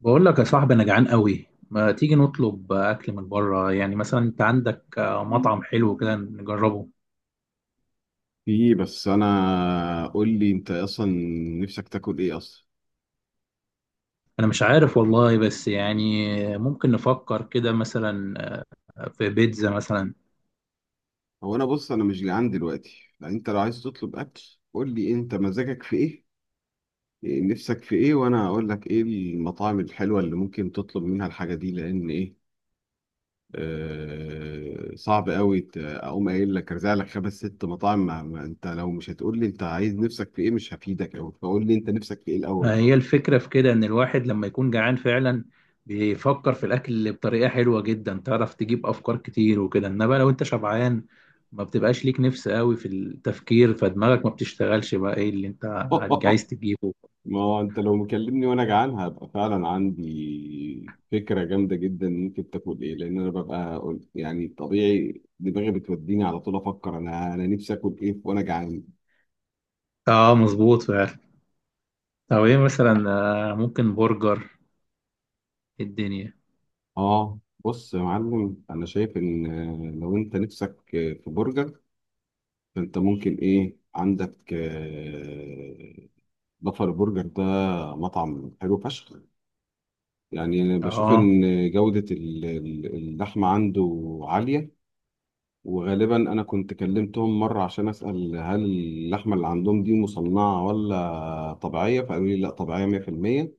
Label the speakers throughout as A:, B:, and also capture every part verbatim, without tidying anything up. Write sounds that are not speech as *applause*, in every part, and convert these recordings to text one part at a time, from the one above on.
A: بقول لك يا صاحبي انا جعان قوي، ما تيجي نطلب اكل من بره؟ يعني مثلا انت عندك مطعم حلو كده نجربه.
B: في، بس انا قول لي انت اصلا نفسك تاكل ايه اصلا؟
A: انا مش عارف والله، بس يعني ممكن نفكر كده مثلا. آه، في بيتزا مثلا.
B: هو انا بص انا مش جعان دلوقتي، يعني انت لو عايز تطلب اكل قول لي انت مزاجك في ايه، إيه نفسك في ايه، وانا اقول لك ايه المطاعم الحلوه اللي ممكن تطلب منها الحاجه دي، لان ايه آه صعب قوي ت- اقوم قايل لك ارزع لك خمس ست مطاعم. ما ما انت لو مش هتقول لي انت عايز نفسك في ايه مش هفيدك قوي، فقول لي انت نفسك في ايه الاول.
A: هي الفكرة في كده ان الواحد لما يكون جعان فعلا بيفكر في الاكل بطريقة حلوة جدا، تعرف تجيب افكار كتير وكده، انما لو انت شبعان ما بتبقاش ليك نفس قوي في التفكير، فدماغك ما بتشتغلش بقى ايه اللي انت عايز
B: *laughs*
A: تجيبه.
B: ما هو انت لو مكلمني وانا جعان هبقى فعلا عندي فكره جامده جدا ممكن تاكل ايه، لان انا ببقى قل- يعني طبيعي دماغي بتوديني على طول افكر انا انا نفسي اكل ايه وانا جعان.
A: اه مظبوط فعلا. او ايه مثلا؟ آه، ممكن برجر. إيه الدنيا.
B: اه، بص يا معلم انا شايف ان آه، لو انت نفسك آه، في برجر، فانت ممكن ايه عندك آه، بافر برجر، ده مطعم حلو فشخ. يعني انا بشوف
A: اه.
B: ان جوده ال- ال- اللحمه عنده عاليه. وغالبا انا كنت كلمتهم مره عشان اسال هل اللحمه اللي عندهم دي مصنعه ولا طبيعيه، فقالوا لي لا، طبيعيه مية في المية.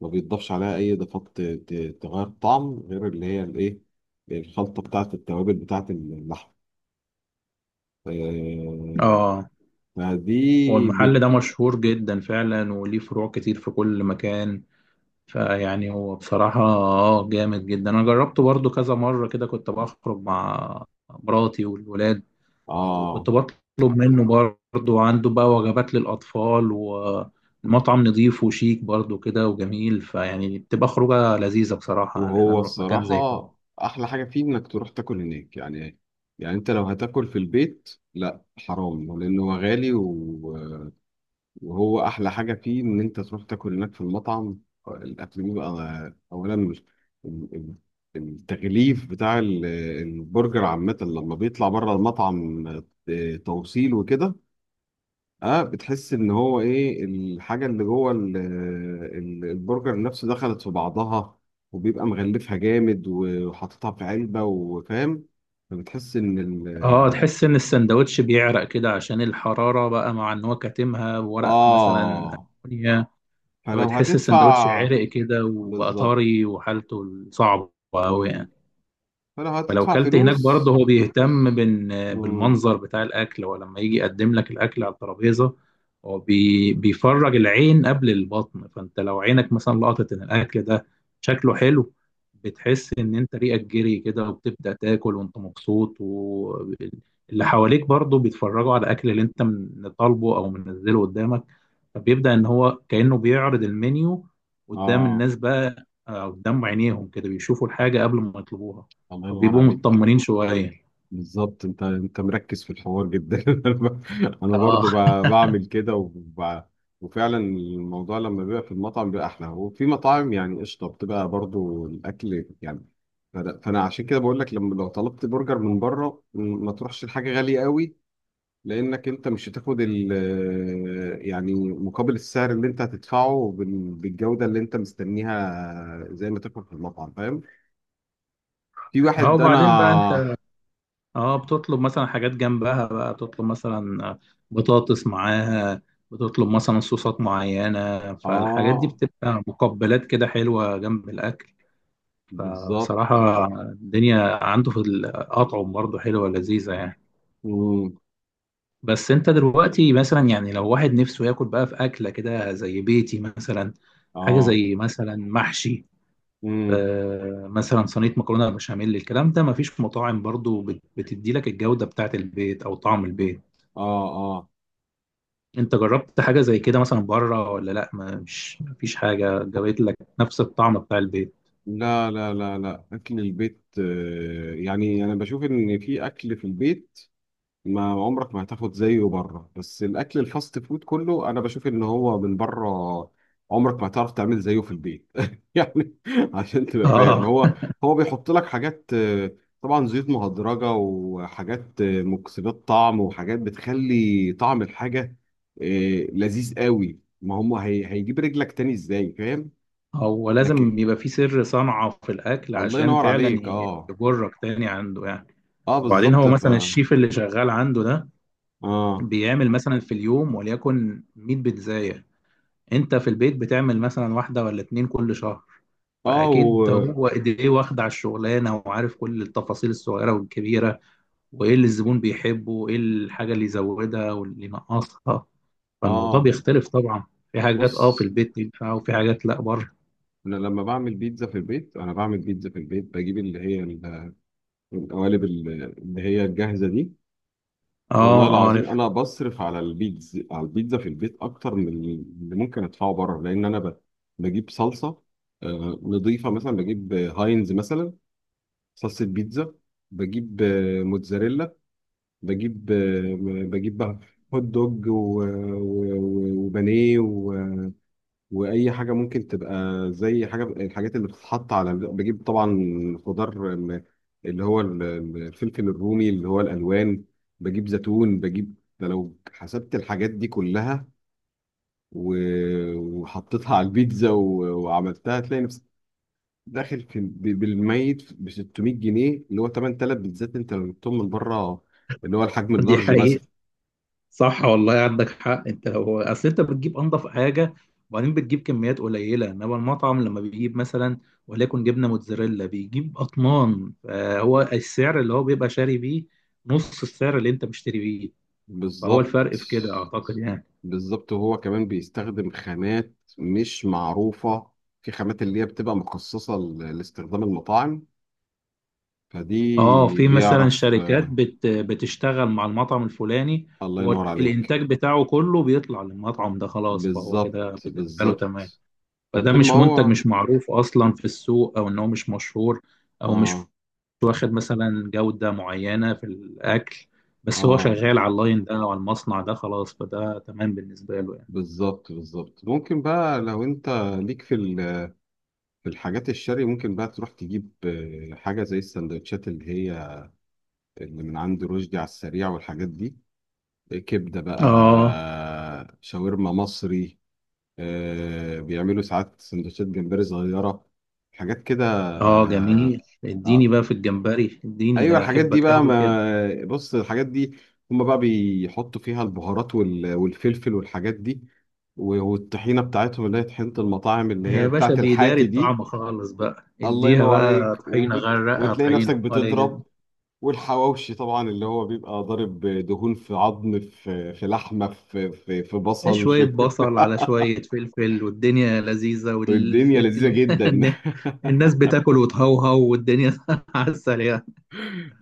B: ما بيتضافش عليها اي اضافات ت- ت- تغير الطعم، غير اللي هي الايه، الخلطه بتاعه التوابل بتاعه اللحمه آه،
A: اه. هو
B: فدي بت...
A: المحل ده مشهور جدا فعلا وليه فروع كتير في كل مكان، فيعني هو بصراحة اه جامد جدا. انا جربته برضو كذا مرة كده، كنت بخرج مع مراتي والولاد
B: اه،
A: وكنت بطلب منه. برضو عنده بقى وجبات للأطفال، والمطعم نظيف وشيك برضو كده وجميل، فيعني بتبقى خروجة لذيذة بصراحة ان احنا
B: وهو
A: نروح مكان زي كده.
B: الصراحه احلى حاجه فيه انك تروح تاكل هناك يعني. يعني انت لو هتاكل في البيت لا حرام، لانه هو غالي و... وهو احلى حاجه فيه ان انت تروح تاكل هناك في المطعم. الاكل بيبقى اولا ال- ال- التغليف بتاع ال- البرجر عامه لما بيطلع بره المطعم، آه، توصيل وكده. اه، بتحس ان هو ايه الحاجه اللي جوه ال- ال- البرجر نفسه دخلت في بعضها، وبيبقى مغلفها جامد وحاططها في علبه، وفاهم، فبتحس ان
A: اه
B: ال
A: تحس ان السندوتش بيعرق كده عشان الحرارة بقى، مع ان هو كاتمها بورق مثلا
B: اه
A: ألمونيا.
B: فلو
A: فبتحس السندوتش
B: هتدفع
A: عرق كده وبقى
B: بالظبط،
A: طري وحالته صعبة أوي يعني.
B: فلو
A: فلو
B: هتدفع
A: كلت هناك
B: فلوس.
A: برضه، هو بيهتم بال-
B: امم
A: بالمنظر بتاع الأكل. هو لما يجي يقدم لك الأكل على الترابيزة، هو بي بيفرج العين قبل البطن، فأنت لو عينك مثلا لقطت إن الأكل ده شكله حلو، بتحس إن أنت ريقك جري كده وبتبدأ تاكل وأنت مبسوط، واللي حواليك برضه بيتفرجوا على الأكل اللي أنت من- طالبه أو منزله قدامك. فبيبدأ إن هو كأنه بيعرض المنيو قدام
B: اه،
A: الناس بقى، آه، قدام عينيهم كده بيشوفوا الحاجة قبل ما يطلبوها.
B: الله ينور
A: فبيبقوا
B: عليك.
A: مطمنين شوية.
B: بالظبط، انت انت مركز في الحوار جدا. *laughs* انا برضو
A: اه.
B: ب- بعمل كده وب... وفعلا الموضوع لما بيبقى في المطعم بيبقى احلى، وفي مطاعم يعني قشطه بتبقى برضو الاكل يعني. فأنا فأنا عشان كده بقول لك لما لو طلبت برجر من بره م- ما تروحش لحاجه غاليه قوي، لانك انت مش هتاخد ال، يعني مقابل السعر اللي انت هتدفعه بال- بالجوده اللي انت مستنيها زي ما تاكل في المطعم، فاهم؟ في
A: اه
B: واحد
A: وبعدين بقى
B: انا،
A: انت اه بتطلب مثلا حاجات جنبها، بقى بتطلب مثلا بطاطس معاها، بتطلب مثلا صوصات معينة، فالحاجات دي
B: اه
A: بتبقى مقبلات كده حلوة جنب الأكل.
B: بالظبط.
A: فبصراحة الدنيا عنده في الأطعم برضه حلوة لذيذة يعني.
B: مم.
A: بس انت دلوقتي مثلا، يعني لو واحد نفسه ياكل بقى في أكلة كده زي بيتي مثلا، حاجة
B: اه.
A: زي مثلا محشي،
B: مم.
A: آه، مثلا صينيه مكرونه بشاميل، الكلام ده مفيش مطاعم برضو بت- بتدي لك الجوده بتاعت البيت او طعم البيت.
B: اه، اه،
A: انت جربت حاجه زي كده مثلا بره ولا لا؟ ما- مش مفيش حاجه جابت لك نفس الطعم بتاع البيت؟
B: لا لا لا لا، اكل البيت آه، يعني انا بشوف ان في اكل في البيت ما عمرك ما هتاخد زيه بره، بس الاكل الفاست فود كله انا بشوف ان هو من بره عمرك ما هتعرف تعمل زيه في البيت *laughs* يعني، عشان تبقى فاهم.
A: اه.
B: هو هو بيحط لك حاجات آه، طبعا زيوت مهدرجه، وحاجات آه، مكسبات طعم، وحاجات بتخلي طعم الحاجه آه، لذيذ قوي، ما هم هي هيجيب رجلك تاني ازاي، فاهم؟
A: هو
B: لكن
A: لازم يبقى في سر صنعه في الاكل
B: الله
A: عشان
B: ينور
A: فعلا
B: عليك. اه.
A: يجرك تاني عنده يعني.
B: اه،
A: وبعدين
B: بالظبط
A: هو
B: ف،
A: مثلا الشيف اللي شغال عنده ده
B: اه،
A: بيعمل مثلا في اليوم وليكن ميه بيتزاية، انت في البيت بتعمل مثلا واحدة ولا اتنين كل شهر.
B: اه
A: فأكيد
B: و،
A: هو إيديه واخدة على الشغلانة وعارف كل التفاصيل الصغيرة والكبيرة، وإيه اللي الزبون بيحبه وإيه الحاجة اللي يزودها واللي ينقصها. فالموضوع
B: اه،
A: بيختلف طبعا، في حاجات اه في
B: بص
A: البيت ينفع وفي حاجات لا بره.
B: انا لما بعمل بيتزا في البيت، انا بعمل بيتزا في البيت بجيب اللي هي ال- القوالب ال- اللي هي الجاهزه دي.
A: اه.
B: والله
A: اه عارف.
B: العظيم انا بصرف على البيتزا، على البيتزا في البيت اكتر من اللي ممكن ادفعه بره، لان انا ب- بجيب صلصه آه، نضيفه، مثلا بجيب آه، هاينز، مثلا صلصه بيتزا. بجيب آه، موتزاريلا، بجيب آه، بجيب هوت دوج و- و- و- وبانيه، واي حاجه ممكن تبقى زي حاجه، الحاجات اللي بتتحط على، بجيب طبعا خضار م- اللي هو ال- ال- الفلفل الرومي اللي هو الالوان، بجيب زيتون، بجيب ده. لو حسبت الحاجات دي كلها و- وحطيتها على البيتزا و- وعملتها تلاقي نفسك داخل في ب- بالميت ب ستمية جنيه، اللي هو ثمانية آلاف بيتزات انت لو جبتهم من بره، اللي هو الحجم
A: دي
B: اللارج مثلا.
A: حقيقة. صح والله عندك حق. انت لو اصل انت بتجيب انضف حاجه، وبعدين بتجيب كميات قليله، انما المطعم لما بيجيب مثلا وليكن جبنه موتزاريلا بيجيب اطنان، فهو السعر اللي هو بيبقى شاري بيه نص السعر اللي انت مشتري بيه. فهو
B: بالظبط،
A: الفرق في كده اعتقد يعني.
B: بالظبط. وهو كمان بيستخدم خامات مش معروفة، في خامات اللي هي بتبقى مخصصة ل- لاستخدام المطاعم،
A: اه
B: فدي
A: في مثلا
B: بيعرف.
A: شركات
B: آه،
A: بت بتشتغل مع المطعم الفلاني،
B: الله
A: هو
B: ينور عليك.
A: الانتاج بتاعه كله بيطلع للمطعم ده خلاص، فهو
B: بالظبط،
A: كده بالنسبه له تمام.
B: بالظبط.
A: فده
B: وطول ما
A: مش منتج،
B: هو،
A: مش معروف اصلا في السوق، او ان هو مش مشهور او مش
B: اه،
A: مش واخد مثلا جودة معينة في الأكل، بس هو
B: اه،
A: شغال على اللاين ده أو على المصنع ده خلاص، فده تمام بالنسبة له يعني.
B: بالظبط، بالظبط. ممكن بقى لو انت ليك في ال- في الحاجات الشرقي، ممكن بقى تروح تجيب آه، حاجة زي السندوتشات، اللي هي اللي من عند رشدي على السريع، والحاجات دي، كبدة
A: آه.
B: بقى، شاورما مصري، آه، بيعملوا ساعات سندوتشات جمبري صغيرة، حاجات كده.
A: آه
B: آه.
A: جميل، اديني
B: آه.
A: بقى في الجمبري، اديني ده
B: أيوة،
A: أنا
B: الحاجات دي
A: أحبك
B: بقى،
A: أوي كده.
B: ما بص، الحاجات دي هما بقى بيحطوا فيها البهارات وال- والفلفل والحاجات دي و- والطحينة بتاعتهم، اللي هي طحينة المطاعم، اللي
A: يا
B: هي
A: باشا
B: بتاعت
A: بيداري
B: الحاتي دي.
A: الطعم خالص، بقى
B: الله
A: اديها
B: ينور
A: بقى
B: عليك.
A: طحينة،
B: وبت...
A: غرقها
B: وتلاقي نفسك
A: طحينة ولا
B: بتضرب.
A: يهمك.
B: والحواوشي طبعا اللي هو بيبقى ضارب دهون في عظم، في في لحمة، في في, في
A: إيه
B: بصل،
A: شوية
B: في
A: بصل على
B: *laughs*
A: شوية فلفل والدنيا لذيذة وال...
B: والدنيا لذيذة
A: *laughs*
B: جدا. *laughs*
A: الناس بتاكل وتهوهو والدنيا *laughs* عسل يعني.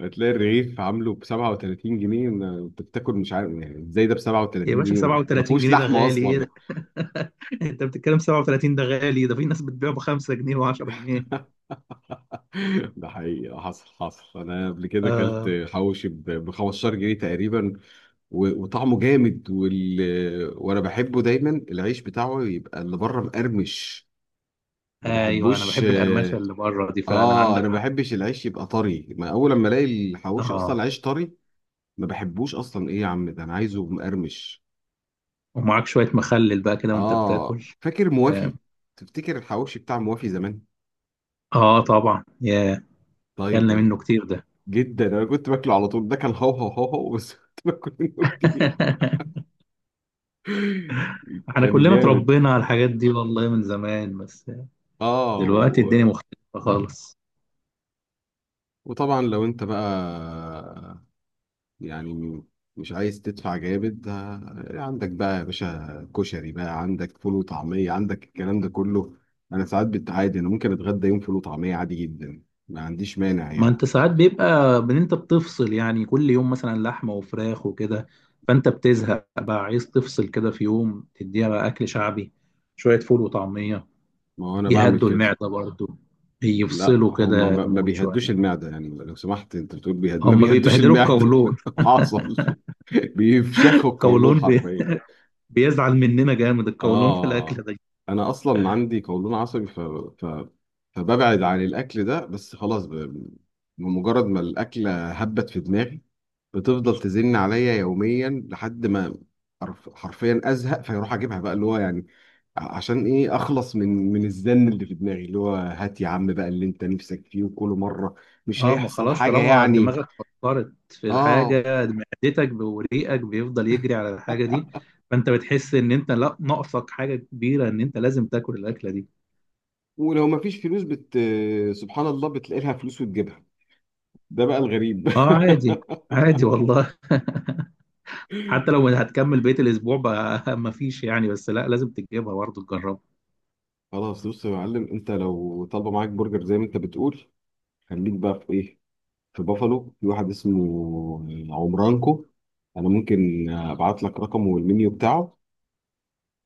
B: هتلاقي الرغيف عامله ب سبعة وتلاتين جنيه، ما- انت بتاكل مش عارف يعني ازاي ده ب
A: يا
B: 37
A: باشا
B: جنيه ما
A: 37
B: فيهوش
A: جنيه ده
B: لحمه
A: غالي ايه
B: اصلا.
A: ده؟ *laughs* انت بتتكلم سبعه وتلاتين ده غالي؟ ده في ناس بتبيعه ب خمسة جنيهات و10 جنيه.
B: *laughs* ده حقيقي، حصل، حصل انا قبل كده اكلت
A: آه.
B: حواوشي ب خمستاشر جنيه تقريبا، و- وطعمه جامد وال... وانا بحبه دايما العيش بتاعه يبقى اللي بره مقرمش، ما
A: ايوه انا
B: بحبوش.
A: بحب القرمشه
B: اه،
A: اللي بره دي فعلا،
B: آه،
A: عندك
B: انا ما
A: حق.
B: بحبش العيش يبقى طري، ما اول لما الاقي الحواوشي اصلا
A: اه.
B: العيش طري، ما بحبوش اصلا، ايه يا عم ده انا عايزه مقرمش.
A: ومعاك شويه مخلل بقى كده وانت
B: اه،
A: بتاكل.
B: فاكر
A: اه.
B: موافي؟ تفتكر الحواوشي بتاع موافي زمان؟
A: آه، طبعا يا،
B: طيب.
A: كلنا
B: طيب.
A: منه كتير ده.
B: جدا، انا كنت باكله على طول، ده كان هو هو هو هو بس *laughs* كنت باكل منه
A: *laughs*
B: كتير.
A: احنا
B: كان
A: كلنا
B: جامد.
A: اتربينا على الحاجات دي والله من زمان، بس
B: اه
A: دلوقتي الدنيا
B: و...
A: مختلفه خالص.
B: وطبعا لو انت بقى، يعني مش عايز تدفع جامد، آه، عندك بقى يا باشا كشري بقى، عندك فول وطعمية، عندك الكلام ده كله. انا ساعات بتعادي، انا ممكن اتغدى يوم فول وطعمية عادي جدا، ما عنديش مانع
A: ما انت
B: يعني.
A: ساعات بيبقى ان انت بتفصل يعني، كل يوم مثلا لحمه وفراخ وكده، فانت بتزهق بقى، عايز تفصل كده في يوم، تديها بقى اكل شعبي، شويه فول وطعميه،
B: ما هو انا بعمل
A: يهدوا
B: كده.
A: المعده برضو،
B: لا،
A: يفصلوا
B: هم
A: كده
B: ما ما
A: المود شويه.
B: بيهدوش المعدة، يعني لو سمحت، انت بتقول بيهد، ما
A: هم
B: بيهدوش
A: بيبهدلوا
B: المعدة.
A: القولون.
B: *laughs* حاصل.
A: *laughs*
B: بيفشخوا القولون
A: القولون بي...
B: حرفيا.
A: بيزعل مننا جامد القولون في الاكل
B: آه،
A: ده.
B: أنا أصلا عندي قولون عصبي، ف... ف... فببعد عن الأكل ده بس، خلاص ب... بمجرد ما الأكلة هبت في دماغي بتفضل تزن عليا يوميا لحد ما حرف- حرفيا أزهق، فيروح أجيبها بقى، اللي هو يعني ع- عشان إيه، أخلص من من الزن اللي في دماغي، اللي هو هات يا عم بقى اللي أنت نفسك فيه. وكل مرة مش
A: اه ما
B: هيحصل
A: خلاص،
B: حاجة
A: طالما
B: يعني.
A: دماغك فكرت في
B: آه.
A: الحاجة، معدتك وريقك بيفضل يجري على الحاجة
B: *laughs*
A: دي، فانت بتحس ان انت لا ناقصك حاجة كبيرة، ان انت لازم تاكل الاكلة دي.
B: ولو مفيش فلوس بت... سبحان الله بتلاقي لها فلوس وتجيبها، ده بقى الغريب.
A: اه عادي.
B: *laughs*
A: عادي والله. *laughs* حتى لو هتكمل بقية الاسبوع بقى، *laughs* مفيش يعني، بس لا لازم تجيبها برضه، تجربها.
B: خلاص، بص يا معلم، انت لو طالبه معاك برجر زي ما انت بتقول، خليك بقى في ايه، في بافالو، في واحد اسمه عمرانكو، انا ممكن ابعت لك رقمه والمنيو بتاعه،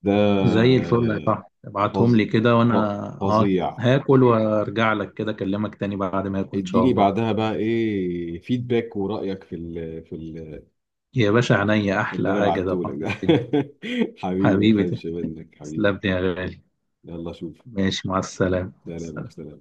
B: ده
A: زي الفل يا صاحبي، ابعتهم
B: فظ-
A: لي كده
B: ف-
A: وانا اه
B: فظيع.
A: هاكل وارجع لك كده، اكلمك تاني بعد ما اكل ان شاء
B: اديني
A: الله.
B: بعدها بقى ايه فيدباك ورأيك في ال، في ال،
A: يا باشا عينيا،
B: في اللي
A: احلى
B: انا
A: حاجة
B: بعته لك
A: طبعا في
B: ده.
A: الدنيا.
B: *laughs* حبيبي، ما
A: حبيبي
B: تحرمش منك،
A: تسلم
B: حبيبي.
A: لي يا غالي.
B: يلا، شوف.
A: ماشي مع السلامة.
B: سلام، سلام.